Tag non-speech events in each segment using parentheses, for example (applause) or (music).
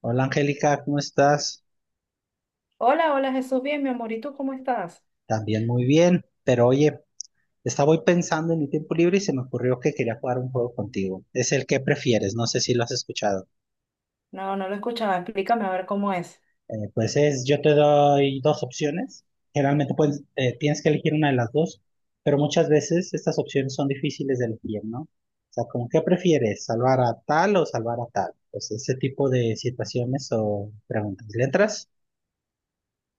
Hola Angélica, ¿cómo estás? Hola, hola Jesús, bien, mi amor, ¿y tú cómo estás? También muy bien, pero oye, estaba hoy pensando en mi tiempo libre y se me ocurrió que quería jugar un juego contigo. Es el que prefieres, no sé si lo has escuchado. No, no lo escuchaba, explícame a ver cómo es. Pues yo te doy dos opciones, generalmente tienes que elegir una de las dos, pero muchas veces estas opciones son difíciles de elegir, ¿no? O sea, como qué prefieres, salvar a tal o salvar a tal. Pues ese tipo de situaciones o preguntas. ¿Le entras?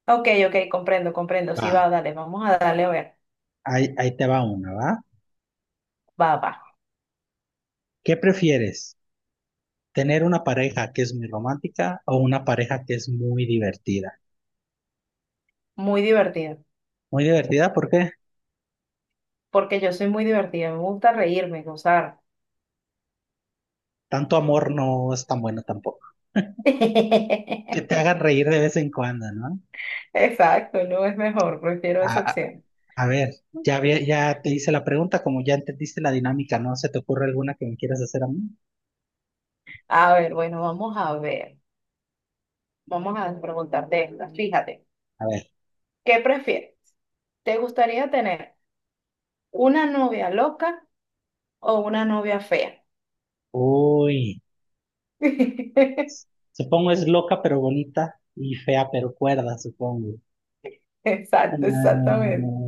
Ok, ok, comprendo, comprendo, Va, sí va, dale, vamos a darle a ver. Ahí te va una, ¿va? Va, va, ¿Qué prefieres? Tener una pareja que es muy romántica o una pareja que es muy divertida. muy divertido, Muy divertida porque porque yo soy muy divertida, me gusta reírme, gozar. tanto amor no es tan bueno tampoco. (laughs) Que te hagan reír de vez en cuando, ¿no? Exacto, no es mejor, prefiero A, esa a- opción. a ver, ya te hice la pregunta, como ya entendiste la dinámica, ¿no? ¿Se te ocurre alguna que me quieras hacer a mí? A ver, bueno, vamos a ver, vamos a preguntarte esta, fíjate, A ver, ¿qué prefieres? ¿Te gustaría tener una novia loca o una novia fea? uy, (laughs) supongo es loca pero bonita y fea pero cuerda, supongo. Exacto, Ah, exactamente.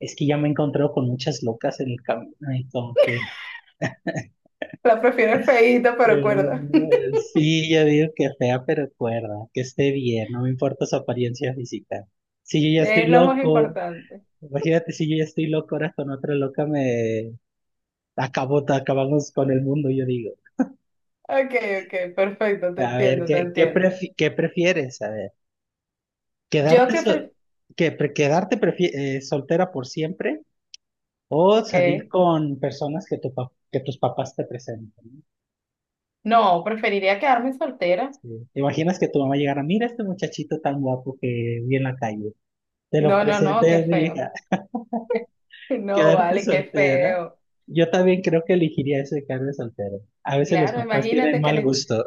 es que ya me he encontrado con muchas locas en el camino, y como que. La prefiero feíta, pero cuerda. Sí, yo digo que fea, pero cuerda, que esté bien, no me importa su apariencia física. Si yo (laughs) ya estoy Es lo más loco, importante. imagínate si yo ya estoy loco, ahora con otra loca me acabó, te acabamos con el mundo, yo digo. Ok, ok, perfecto, te A ver, entiendo, te ¿qué, qué, entiendo. prefi- qué prefieres? A ver, Yo ¿quedarte, que sol- pref- que, pre- quedarte prefi- soltera por siempre o salir ¿Qué? con personas que tus papás te presenten, ¿no? No, preferiría quedarme soltera. Sí. ¿Te imaginas que tu mamá llegara: mira este muchachito tan guapo que vi en la calle, te lo No, no, no, qué presenté a mi feo. hija? (laughs) (laughs) No, Quedarte vale, qué soltera. feo. Yo también creo que elegiría eso de quedarme soltero. A veces los Claro, papás tienen imagínate que mal le, gusto.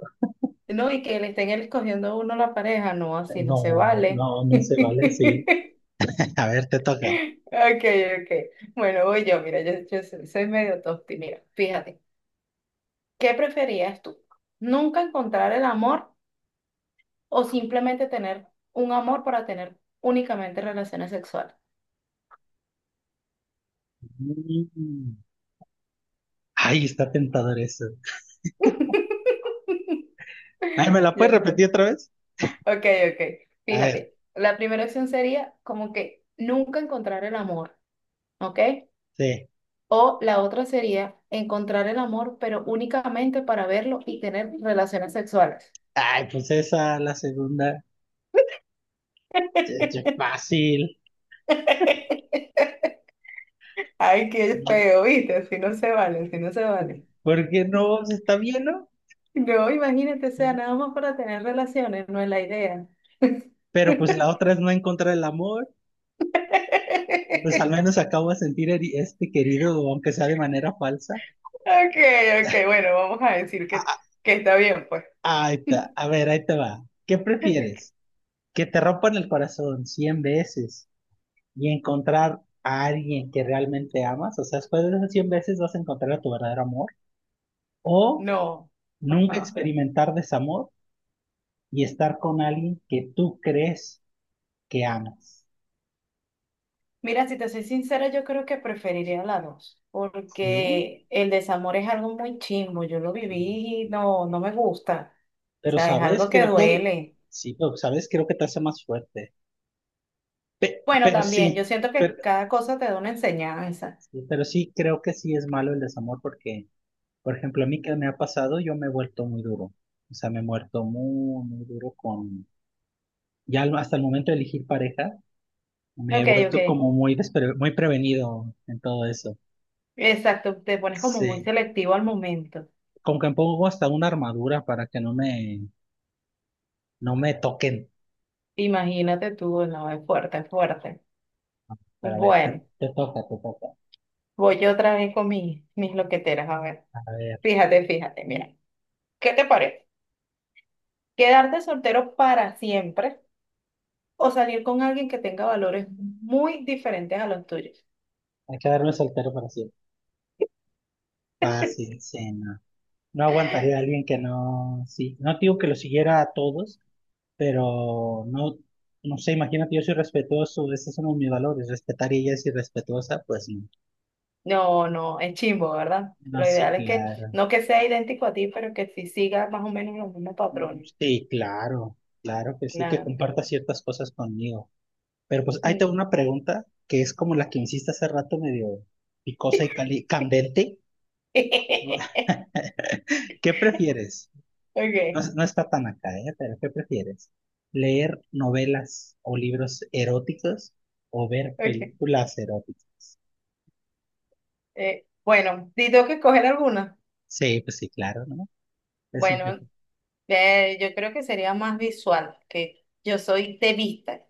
no, y que le estén escogiendo a uno la pareja. No, así no se No, vale. no, no se vale así. (laughs) (laughs) A ver, te toca. Ok, ok. Bueno, voy yo, mira, yo soy medio tosti. Mira, fíjate, ¿qué preferías tú? ¿Nunca encontrar el amor? O simplemente tener un amor para tener únicamente relaciones sexuales. Mm. Ay, está tentador eso. Ay, ¿me la puedes Yo, repetir otra vez? ok, ok. A ver, Fíjate, la primera opción sería como que nunca encontrar el amor, ¿ok? sí. O la otra sería encontrar el amor, pero únicamente para verlo y tener relaciones sexuales. Ay, pues esa, la segunda. Es fácil. (laughs) Ay, qué feo, ¿viste? Si no se vale, si no se vale. ¿Por qué no? Pues está bien, ¿no? No, imagínate, o sea, nada más para tener relaciones, no es la idea. Pero pues la otra es no encontrar el amor. Pues al (laughs) menos acabo de sentir este querido, aunque sea de manera falsa. Ok, ok, bueno, vamos a decir Ah, que está bien, pues. ah, ahí está. A ver, ahí te va. ¿Qué prefieres? (laughs) ¿Que te rompan el corazón 100 veces y encontrar a alguien que realmente amas? O sea, después de esas 100 veces vas a encontrar a tu verdadero amor. ¿O No, nunca ajá. experimentar desamor y estar con alguien que tú crees que amas? Mira, si te soy sincera, yo creo que preferiría la 2, ¿Sí? porque el desamor es algo muy chimbo, yo lo viví y no, no me gusta, o Pero, sea, es ¿sabes? algo que Creo que el... duele. Sí, pero, ¿sabes? Creo que te hace más fuerte. Bueno, Pero también, yo sí. siento que cada cosa te da una enseñanza. Sí, pero sí, creo que sí es malo el desamor porque, por ejemplo, a mí que me ha pasado, yo me he vuelto muy duro. O sea, me he muerto muy, muy duro con, ya al- hasta el momento de elegir pareja, me he Ok, ok, vuelto como muy prevenido en todo eso. exacto, te pones como muy Sí, selectivo al momento. como que me pongo hasta una armadura para que no me toquen. Imagínate tú, no, es fuerte, es fuerte. Para ver, Bueno, te toca, te toca. voy yo otra vez con mis loqueteras, a ver. A ver, Fíjate, fíjate, mira, ¿qué te parece? ¿Quedarte soltero para siempre o salir con alguien que tenga valores muy diferentes a los tuyos? hay que darme soltero para siempre. Fácil, sí, no. No aguantaría a alguien que no, sí, no digo que lo siguiera a todos pero no, no sé, imagínate, yo soy respetuoso, ese es uno de mis valores, respetar y ella es irrespetuosa, pues no. No, no, es chimbo, ¿verdad? No, Lo sí, ideal es que claro. no que sea idéntico a ti, pero que sí siga más o menos los mismos patrones. Sí, claro, claro que sí, que Claro. comparta ciertas cosas conmigo. Pero pues ahí Mm. tengo una pregunta que es como la que me hiciste hace rato, medio picosa y candente. (laughs) (laughs) ¿Qué prefieres? No, Ok, no está tan acá, ¿eh? Pero ¿qué prefieres? ¿Leer novelas o libros eróticos o ver ok. películas eróticas? Bueno, si tengo que escoger alguna. Sí, pues sí, claro, ¿no? Es el que Bueno, pues. Yo creo que sería más visual, que yo soy de vista.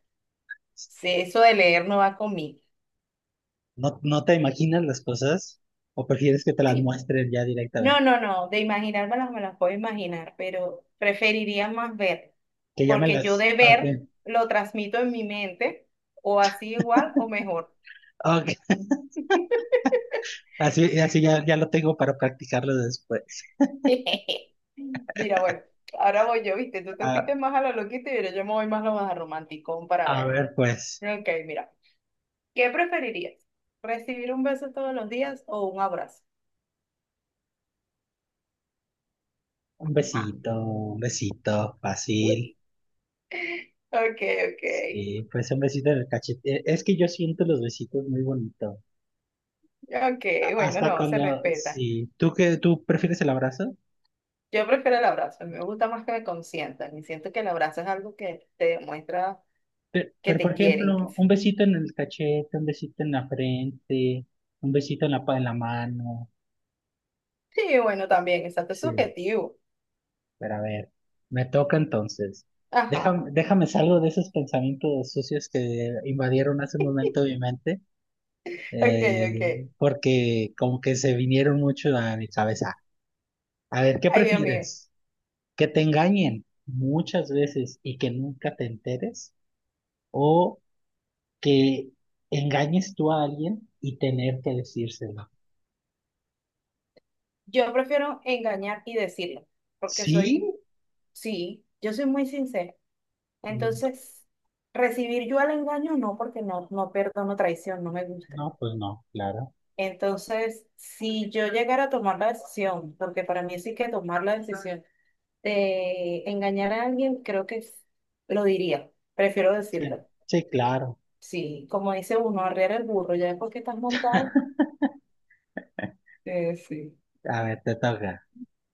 Sí, eso de leer no va conmigo. ¿No, no te imaginas las cosas o prefieres que te las Sí, muestren ya no, directamente? no, no, de imaginármelas me las puedo imaginar, pero preferiría más ver, Que ya me porque yo las... de ver Ok, lo transmito en mi mente, o así igual o mejor. ok, así, así ya, ya lo tengo para practicarlo después. (laughs) Mira, bueno, ahora voy yo, viste, tú te a fuiste más a lo loquito y ahora yo me voy más a lo más romanticón para a ver. ver, pues, Ok, mira, ¿qué preferirías? ¿Recibir un beso todos los días o un abrazo? un Ah, besito, un besito, fácil. ok, ok, Sí, pues un besito en el cachete. Es que yo siento los besitos muy bonito. ok, A- bueno, hasta no, se cuando, respeta. sí, ¿tú qué tú prefieres, el abrazo? Yo prefiero el abrazo, me gusta más que me consientan y siento que el abrazo es algo que te demuestra Pero, que pero, por te quieren. Ejemplo, un besito en el cachete, un besito en la frente, un besito en la, en la mano. Sí, bueno, también, exacto, es Sí, subjetivo. pero a ver, me toca entonces. Ajá, Déjame salgo de esos pensamientos sucios que invadieron hace un (laughs) momento mi mente, ok, eh, ok. porque como que se vinieron mucho a mi cabeza. A ver, ¿qué Ay, Dios mío, prefieres? ¿Que te engañen muchas veces y que nunca te enteres? ¿O que engañes tú a alguien y tener que decírselo? yo prefiero engañar y decirlo, porque ¿Sí? soy, sí, yo soy muy sincera. Mm, Entonces, recibir yo el engaño no, porque no perdono traición, no me gusta. no, pues no, claro. Entonces, si yo llegara a tomar la decisión, porque para mí sí que tomar la decisión de engañar a alguien, creo que es- lo diría. Prefiero Sí, decirlo. sí, claro. Sí, como dice uno, arrear el burro, ya después que estás montado. Sí, A ver, te toca.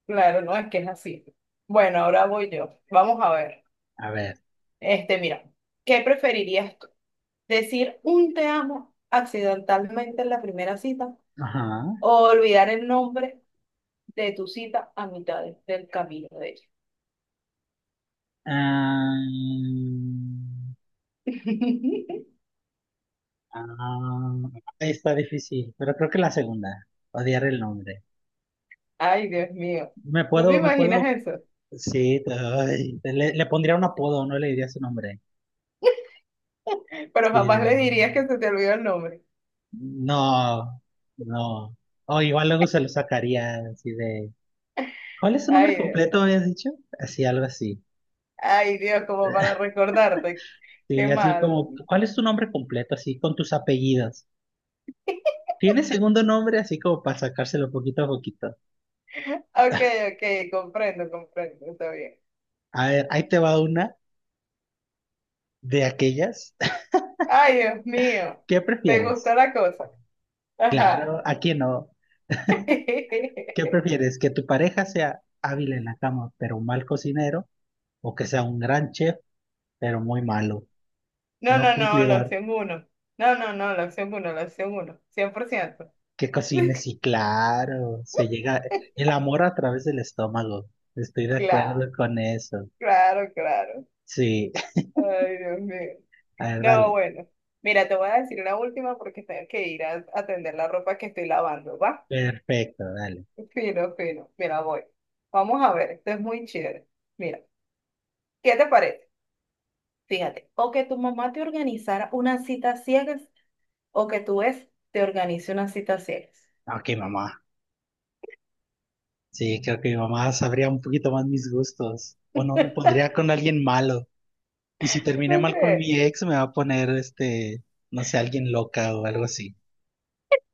claro, no es que es así. Bueno, ahora voy yo. Vamos a ver. A ver. Mira, ¿qué preferirías tú? ¿Decir un te amo accidentalmente en la primera cita Ajá. o olvidar el nombre de tu cita a mitad del camino de ella? Ah, (laughs) ah, está difícil, pero creo que la segunda. Odiar el nombre. Ay, Dios mío. Me ¿Tú te puedo, me imaginas puedo. eso? Sí, ay, le pondría un apodo, no le diría su nombre. Pero jamás le Sí. dirías que se te olvidó el nombre. No, no. O igual luego se lo sacaría así de: ¿cuál es su nombre Ay, Dios. completo, me has dicho? Así, algo así. Ay, Dios, como para recordarte. Qué Sí, así malo. como, ¿cuál es tu nombre completo? Así con tus apellidos. (laughs) ¿Tiene segundo nombre? Así como para sacárselo poquito a poquito. Ok, ok, comprendo, comprendo, está bien. A ver, ahí te va una de aquellas. Ay, Dios mío, (laughs) ¿Qué ¿te gustó prefieres? la cosa? Ajá. Claro, aquí no. ¿Qué (laughs) prefieres? ¿Que tu pareja sea hábil en la cama, pero un mal cocinero? ¿O que sea un gran chef, pero muy malo, No, no no, no, la cumplidor? opción uno. No, no, no, la opción uno, la opción 1, 100%. Que cocine, sí, claro. Se llega (laughs) el amor a través del estómago. Estoy de Claro, acuerdo con eso. claro, claro. Sí, Ay, Dios mío. (laughs) a ver, No, dale. bueno. Mira, te voy a decir una última porque tengo que ir a atender la ropa que estoy lavando, ¿va? Perfecto, dale. Fino, fino. Mira, voy. Vamos a ver, esto es muy chévere. Mira, ¿qué te parece? Fíjate, o que tu mamá te organizara una cita a ciegas o que tu ex te organice una cita a ciegas. Ok, mamá. Sí, creo que mi mamá sabría un poquito más mis gustos. O no me pondría con alguien malo. Y si terminé ¿No mal con crees? mi ex, me va a poner, no sé, alguien loca o algo así.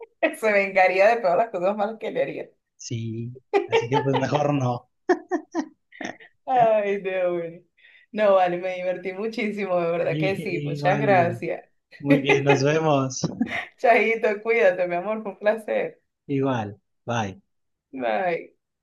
(laughs) Se vengaría de todas las cosas malas que le haría. Sí, así que pues mejor no. Ay, Dios mío. No, vale, me divertí muchísimo, de (laughs) verdad que sí. Muchas Igual ya. gracias. Muy bien, nos (laughs) vemos. (laughs) Chaito, cuídate, mi amor, fue un placer. Igual, bye. Bye.